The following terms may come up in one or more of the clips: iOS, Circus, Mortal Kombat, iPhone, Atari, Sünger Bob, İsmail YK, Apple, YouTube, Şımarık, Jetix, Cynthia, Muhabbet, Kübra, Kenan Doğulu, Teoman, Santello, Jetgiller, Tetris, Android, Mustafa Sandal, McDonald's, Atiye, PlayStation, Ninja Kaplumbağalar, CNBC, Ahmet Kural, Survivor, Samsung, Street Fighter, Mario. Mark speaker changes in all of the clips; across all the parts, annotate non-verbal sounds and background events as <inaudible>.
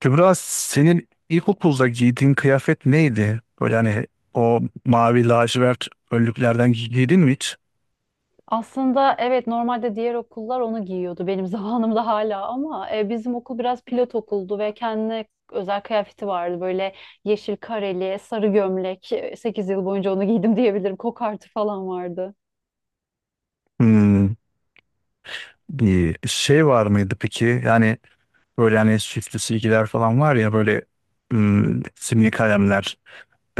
Speaker 1: Kübra senin ilkokulda giydiğin kıyafet neydi? Böyle hani o mavi lacivert önlüklerden giydin mi hiç?
Speaker 2: Aslında evet normalde diğer okullar onu giyiyordu benim <laughs> zamanımda hala ama bizim okul biraz pilot okuldu ve kendine özel kıyafeti vardı. Böyle yeşil kareli, sarı gömlek. 8 yıl boyunca onu giydim diyebilirim. Kokartı falan vardı.
Speaker 1: Hmm. Bir şey var mıydı peki? Yani böyle hani süslü silgiler falan var ya böyle simli kalemler,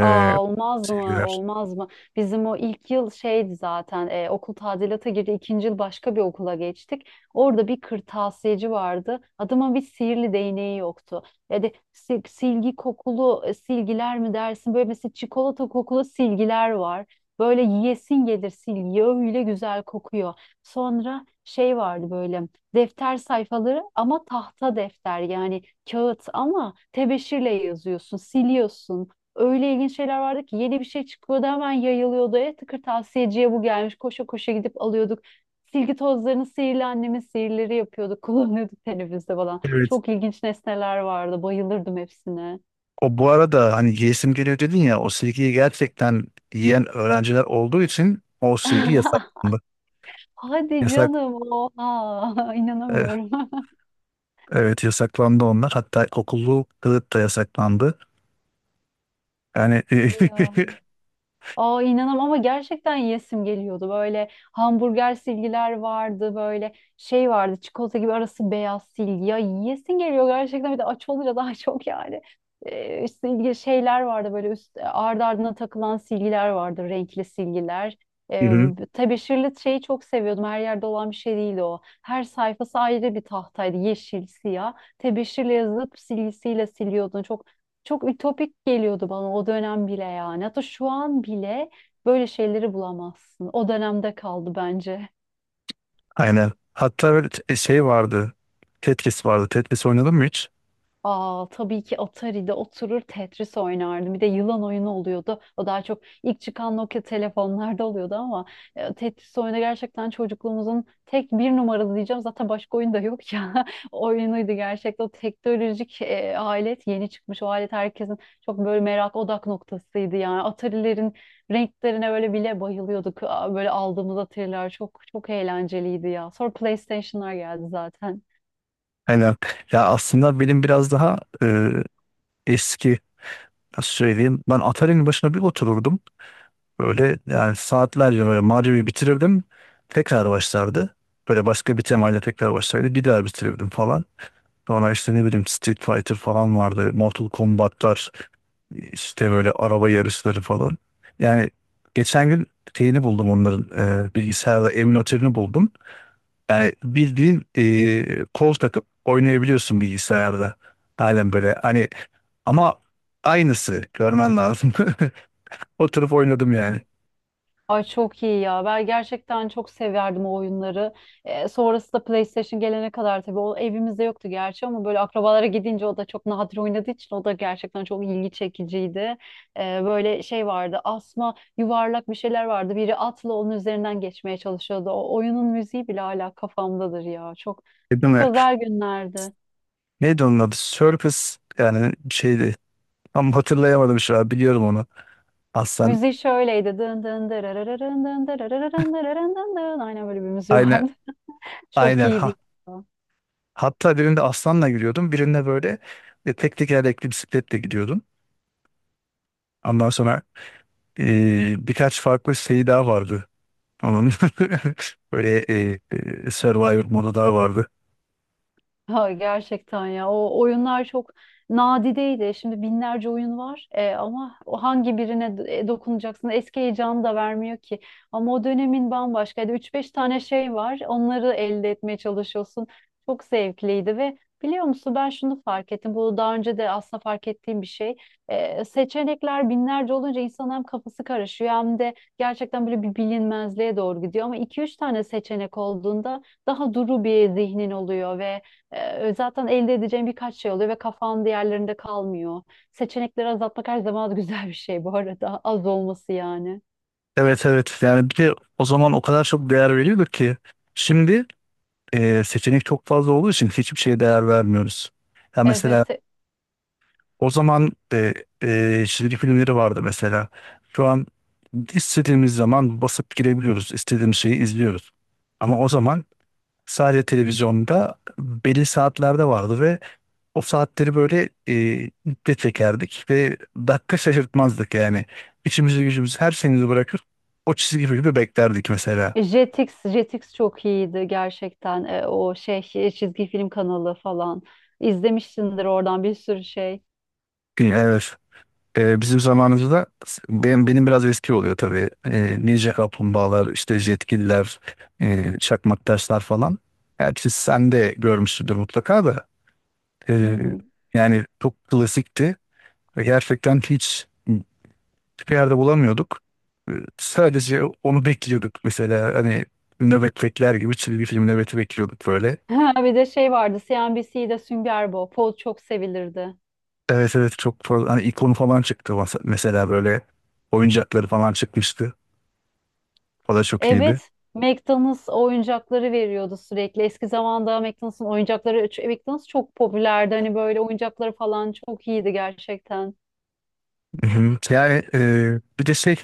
Speaker 1: e,
Speaker 2: olmaz mı?
Speaker 1: silgiler.
Speaker 2: Olmaz mı? Bizim o ilk yıl şeydi zaten, okul tadilata girdi. İkinci yıl başka bir okula geçtik. Orada bir kırtasiyeci vardı. Adamın bir sihirli değneği yoktu. Yani silgi kokulu silgiler mi dersin? Böyle mesela çikolata kokulu silgiler var. Böyle yiyesin gelir silgi. Öyle güzel kokuyor. Sonra şey vardı, böyle defter sayfaları ama tahta defter yani, kağıt ama tebeşirle yazıyorsun, siliyorsun, öyle ilginç şeyler vardı ki, yeni bir şey çıkıyordu, hemen yayılıyordu. Tıkır tavsiyeciye bu gelmiş. Koşa koşa gidip alıyorduk. Silgi tozlarını sihirli annemin sihirleri yapıyorduk. <laughs> Kullanıyorduk teneffüste falan.
Speaker 1: Evet.
Speaker 2: Çok ilginç nesneler vardı. Bayılırdım hepsine.
Speaker 1: O bu arada hani yiyesim geliyor dedin ya o silgiyi gerçekten yiyen öğrenciler olduğu için o silgi
Speaker 2: <laughs>
Speaker 1: yasaklandı.
Speaker 2: Hadi
Speaker 1: Yasak,
Speaker 2: canım. Oha. <laughs>
Speaker 1: e,
Speaker 2: inanamıyorum. <laughs>
Speaker 1: evet yasaklandı onlar. Hatta okullu kılık da yasaklandı. Yani <laughs>
Speaker 2: Ya. Aa, inanam ama gerçekten yesim geliyordu. Böyle hamburger silgiler vardı, böyle şey vardı, çikolata gibi arası beyaz silgi. Ya, yiyesin geliyor gerçekten, bir de aç olunca daha <laughs> çok yani. Silgi şeyler vardı, böyle üst ardı ardına takılan silgiler vardı, renkli silgiler.
Speaker 1: Hı
Speaker 2: Ee,
Speaker 1: hı.
Speaker 2: Tebeşirli şeyi çok seviyordum. Her yerde olan bir şey değildi o. Her sayfası ayrı bir tahtaydı. Yeşil, siyah. Tebeşirle yazıp silgisiyle siliyordun. Çok çok ütopik geliyordu bana o dönem bile yani. Hatta şu an bile böyle şeyleri bulamazsın. O dönemde kaldı bence.
Speaker 1: Aynen. Hatta böyle şey vardı. Tetris vardı. Tetris oynadın mı hiç?
Speaker 2: Aa, tabii ki Atari'de oturur Tetris oynardım. Bir de yılan oyunu oluyordu. O daha çok ilk çıkan Nokia telefonlarda oluyordu ama Tetris oyunu gerçekten çocukluğumuzun tek bir numaralı diyeceğim. Zaten başka oyun da yok ya. <laughs> O oyunuydu gerçekten. O teknolojik alet yeni çıkmış. O alet herkesin çok böyle merak odak noktasıydı yani. Atari'lerin renklerine böyle bile bayılıyorduk. Aa, böyle aldığımız Atari'ler çok çok eğlenceliydi ya. Sonra PlayStation'lar geldi zaten.
Speaker 1: Aynen. Ya aslında benim biraz daha eski nasıl söyleyeyim. Ben Atari'nin başına bir otururdum. Böyle yani saatlerce böyle Mario'yu bitirirdim. Tekrar başlardı. Böyle başka bir temayla tekrar başlardı. Bir daha bitirirdim falan. Sonra işte ne bileyim Street Fighter falan vardı. Mortal Kombat'lar işte böyle araba yarışları falan. Yani geçen gün şeyini buldum onların bilgisayarda emülatörünü buldum. Yani bildiğin kol takıp oynayabiliyorsun bilgisayarda. Halen böyle hani ama aynısı görmen lazım. <laughs> Oturup oynadım yani.
Speaker 2: Ay, çok iyi ya. Ben gerçekten çok severdim o oyunları. Sonrası da PlayStation gelene kadar tabii o evimizde yoktu gerçi, ama böyle akrabalara gidince o da çok nadir oynadığı için o da gerçekten çok ilgi çekiciydi. Böyle şey vardı. Asma yuvarlak bir şeyler vardı. Biri atla onun üzerinden geçmeye çalışıyordu. O oyunun müziği bile hala kafamdadır ya. Çok
Speaker 1: Değil
Speaker 2: çok
Speaker 1: mi?
Speaker 2: özel günlerdi.
Speaker 1: Neydi onun adı? Circus yani şeydi. Tam hatırlayamadım şu an. Biliyorum onu. Aslan.
Speaker 2: Müziği şöyleydi. Dın dın dırarırın dın dırarırın dırarırın dın dın. Aynen böyle bir müziği
Speaker 1: Aynen.
Speaker 2: vardı. <laughs> Çok
Speaker 1: Aynen.
Speaker 2: iyiydi.
Speaker 1: Ha. Hatta birinde aslanla gidiyordum. Birinde böyle tek tekerlekli bisikletle gidiyordum. Ondan sonra birkaç farklı şey daha vardı. Onun <laughs> böyle Survivor modu daha vardı.
Speaker 2: Ha, gerçekten ya, o oyunlar çok nadideydi. Şimdi binlerce oyun var, ama o hangi birine dokunacaksın, eski heyecanı da vermiyor ki. Ama o dönemin bambaşkaydı. Üç beş tane şey var, onları elde etmeye çalışıyorsun. Çok zevkliydi ve biliyor musun, ben şunu fark ettim. Bu daha önce de aslında fark ettiğim bir şey. Seçenekler binlerce olunca insanın hem kafası karışıyor hem de gerçekten böyle bir bilinmezliğe doğru gidiyor. Ama iki üç tane seçenek olduğunda daha duru bir zihnin oluyor ve zaten elde edeceğin birkaç şey oluyor ve kafan diğerlerinde kalmıyor. Seçenekleri azaltmak her zaman <laughs> güzel bir şey bu arada. Az olması yani.
Speaker 1: Evet evet yani bir de o zaman o kadar çok değer veriyorduk ki şimdi seçenek çok fazla olduğu için hiçbir şeye değer vermiyoruz. Ya mesela
Speaker 2: Evet.
Speaker 1: o zaman çizgi filmleri vardı mesela. Şu an istediğimiz zaman basıp girebiliyoruz. İstediğimiz şeyi izliyoruz. Ama o zaman sadece televizyonda belli saatlerde vardı ve o saatleri böyle iple çekerdik ve dakika şaşırtmazdık yani. İçimizi gücümüzü her şeyimizi bırakır o çizgi filmi beklerdik mesela.
Speaker 2: Jetix, Jetix çok iyiydi gerçekten. O şey, çizgi film kanalı falan. İzlemişsindir oradan bir sürü şey.
Speaker 1: Evet. E, bizim zamanımızda benim biraz eski oluyor tabii. E, Ninja Kaplumbağalar, işte Jetgiller, Çakmak Taşlar falan. Gerçi sen de görmüşsündür mutlaka da.
Speaker 2: Hı
Speaker 1: E,
Speaker 2: hı. <laughs>
Speaker 1: yani çok klasikti ve gerçekten hiçbir yerde bulamıyorduk. Ee, Sadece onu bekliyorduk mesela hani nöbet bekler gibi çizgi film nöbeti bekliyorduk böyle.
Speaker 2: Ha, bir de şey vardı. CNBC'de Sünger Bob. O çok sevilirdi.
Speaker 1: Evet evet çok fazla hani ikonu falan çıktı mesela böyle oyuncakları falan çıkmıştı. O da çok iyiydi.
Speaker 2: Evet, McDonald's oyuncakları veriyordu sürekli. Eski zamanda McDonald's'ın oyuncakları, McDonald's çok popülerdi. Hani böyle oyuncakları falan çok iyiydi gerçekten.
Speaker 1: Hı hı. Yani bir de şey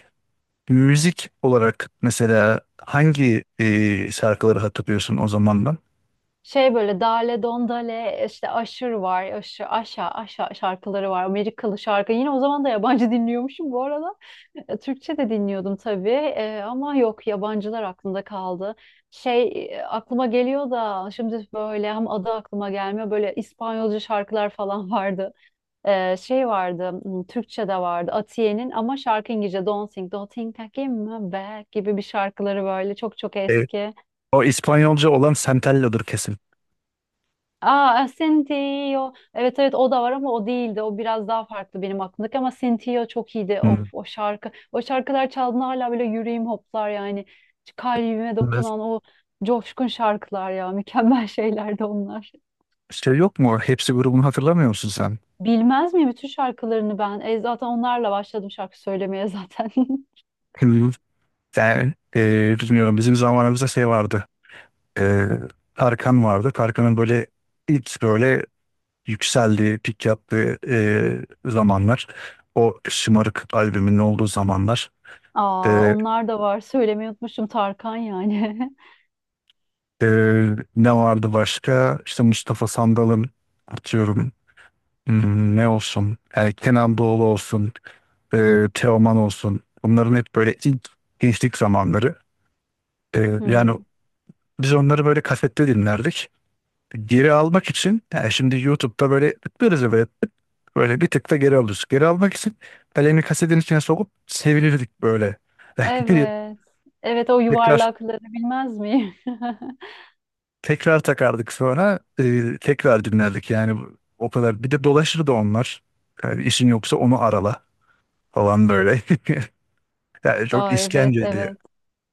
Speaker 1: müzik olarak mesela hangi şarkıları hatırlıyorsun o zamandan?
Speaker 2: Şey böyle Dale Don Dale işte Aşır var. Aşır, Aşa, Aşa şarkıları var. Amerikalı şarkı. Yine o zaman da yabancı <laughs> dinliyormuşum bu arada. Türkçe de dinliyordum tabii. Ama yok, yabancılar aklımda kaldı. Şey, aklıma geliyor da şimdi böyle, hem adı aklıma gelmiyor. Böyle İspanyolca şarkılar falan <laughs> vardı. Şey vardı, Türkçe'de vardı Atiye'nin ama şarkı İngilizce, Don't Think, Don't Think I Came Back gibi bir şarkıları, böyle çok çok
Speaker 1: E,
Speaker 2: eski.
Speaker 1: o İspanyolca olan Santello'dur kesin.
Speaker 2: Aa, Cynthia. Evet evet, o da var ama o değildi. O biraz daha farklı benim aklımdaki, ama Cynthia çok iyiydi.
Speaker 1: Hmm.
Speaker 2: Of, o şarkı. O şarkılar çaldığında hala böyle yüreğim hoplar yani. Kalbime
Speaker 1: Evet.
Speaker 2: dokunan o coşkun şarkılar ya. <laughs> Mükemmel şeylerdi onlar.
Speaker 1: Şey yok mu? Hepsi grubunu hatırlamıyor musun sen?
Speaker 2: Bilmez miyim bütün şarkılarını ben? Zaten onlarla başladım şarkı söylemeye zaten. <laughs>
Speaker 1: Hı. Bilmiyorum bizim zamanımızda şey vardı. E, Tarkan vardı. Tarkan'ın böyle ilk böyle yükseldiği, pik yaptığı zamanlar. O Şımarık albümünün olduğu zamanlar.
Speaker 2: Aa,
Speaker 1: E,
Speaker 2: onlar da var. Söylemeyi unutmuşum Tarkan yani. <laughs>
Speaker 1: e, Ne vardı başka? İşte Mustafa Sandal'ın atıyorum. Hmm, ne olsun? Yani Kenan Doğulu olsun. E, Teoman olsun. Bunların hep böyle ilk gençlik zamanları. E, yani
Speaker 2: Hmm.
Speaker 1: biz onları böyle kasette dinlerdik. Geri almak için yani şimdi YouTube'da böyle tıklarız ya böyle tık, böyle bir tık da geri alıyoruz. Geri almak için elini kasetin içine sokup sevinirdik böyle. <laughs>
Speaker 2: Evet. Evet, o
Speaker 1: Tekrar
Speaker 2: yuvarlakları bilmez miyim? <laughs>
Speaker 1: tekrar takardık sonra tekrar dinlerdik yani o kadar. Bir de dolaşırdı onlar. Yani işin yoksa onu arala falan böyle. <laughs> Yani çok
Speaker 2: Aa, evet
Speaker 1: işkenceydi.
Speaker 2: evet.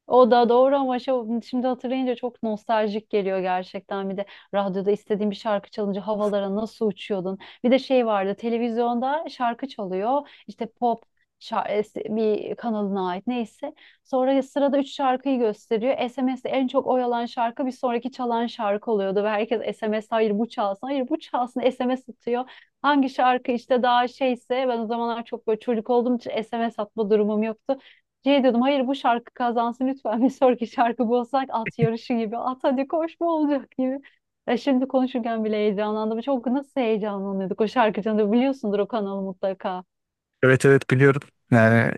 Speaker 2: O da doğru, ama şimdi hatırlayınca çok nostaljik geliyor gerçekten. Bir de radyoda istediğin bir şarkı çalınca havalara nasıl uçuyordun. Bir de şey vardı, televizyonda şarkı çalıyor. İşte pop bir kanalına ait neyse. Sonra sırada üç şarkıyı gösteriyor. SMS'de en çok oyalan şarkı bir sonraki çalan şarkı oluyordu. Ve herkes SMS, hayır bu çalsın, hayır bu çalsın SMS atıyor. Hangi şarkı işte daha şeyse, ben o zamanlar çok böyle çocuk olduğum için SMS atma durumum yoktu. Şey diyordum, hayır bu şarkı kazansın lütfen, <laughs> bir sonraki şarkı bu olsak, at yarışı gibi, at hadi koş, bu olacak gibi. Ya, şimdi konuşurken bile heyecanlandım. Çok nasıl heyecanlanıyorduk o şarkı, canında biliyorsundur o kanalı mutlaka.
Speaker 1: Evet evet biliyorum. Yani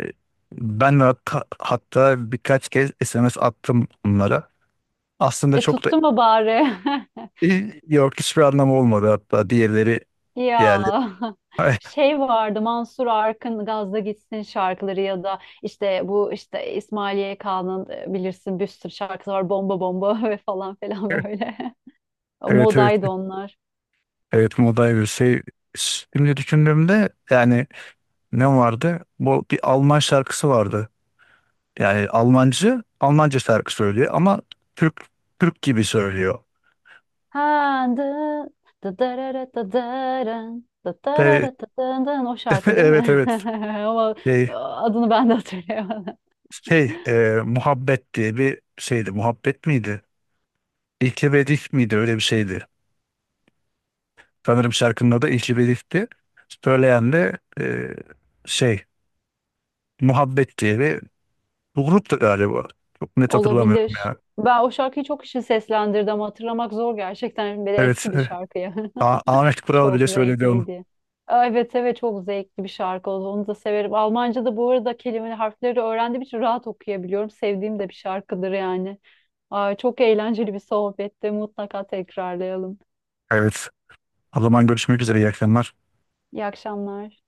Speaker 1: ben de hatta birkaç kez SMS attım onlara. Aslında
Speaker 2: E
Speaker 1: çok da
Speaker 2: tuttu mu bari? <laughs>
Speaker 1: yok hiçbir anlamı olmadı hatta diğerleri
Speaker 2: Ya,
Speaker 1: yani.
Speaker 2: <laughs>
Speaker 1: <laughs>
Speaker 2: şey vardı, Mansur Arkın Gazla Gitsin şarkıları ya da işte, bu işte İsmail YK'nın bilirsin bir sürü şarkısı var, Bomba Bomba <laughs> ve falan filan böyle. <laughs>
Speaker 1: Evet evet.
Speaker 2: Modaydı onlar.
Speaker 1: Evet Moday bir şey. Şimdi düşündüğümde yani ne vardı? Bu bir Alman şarkısı vardı. Yani Almancı Almanca şarkı söylüyor ama Türk Türk gibi söylüyor.
Speaker 2: Ha, dın, da darara da daran, da
Speaker 1: Ve-
Speaker 2: darara da dın dın. O
Speaker 1: <laughs>
Speaker 2: şarkı değil
Speaker 1: evet
Speaker 2: mi? <laughs>
Speaker 1: evet.
Speaker 2: Ama
Speaker 1: Şey,
Speaker 2: adını ben de hatırlayamadım.
Speaker 1: şey e, Muhabbet diye bir şeydi. Muhabbet miydi? İlkebedik miydi? Öyle bir şeydi. Sanırım şarkının adı İlkebedik'ti. Söyleyen de şey Muhabbet diye bu gruptu galiba. Çok net hatırlamıyorum
Speaker 2: Olabilir.
Speaker 1: ya.
Speaker 2: Ben o şarkıyı çok kişi seslendirdi, ama hatırlamak zor gerçekten. Bir de
Speaker 1: Evet.
Speaker 2: eski bir şarkı ya.
Speaker 1: Ahmet
Speaker 2: <laughs>
Speaker 1: Kural
Speaker 2: Çok
Speaker 1: bile söyledi onu.
Speaker 2: zevkliydi. Aa, evet evet, çok zevkli bir şarkı oldu. Onu da severim. Almanca'da bu arada kelimeleri, harfleri öğrendiğim için rahat okuyabiliyorum. Sevdiğim de bir şarkıdır yani. Aa, çok eğlenceli bir sohbetti. Mutlaka tekrarlayalım.
Speaker 1: Evet. O zaman görüşmek üzere. İyi akşamlar.
Speaker 2: İyi akşamlar.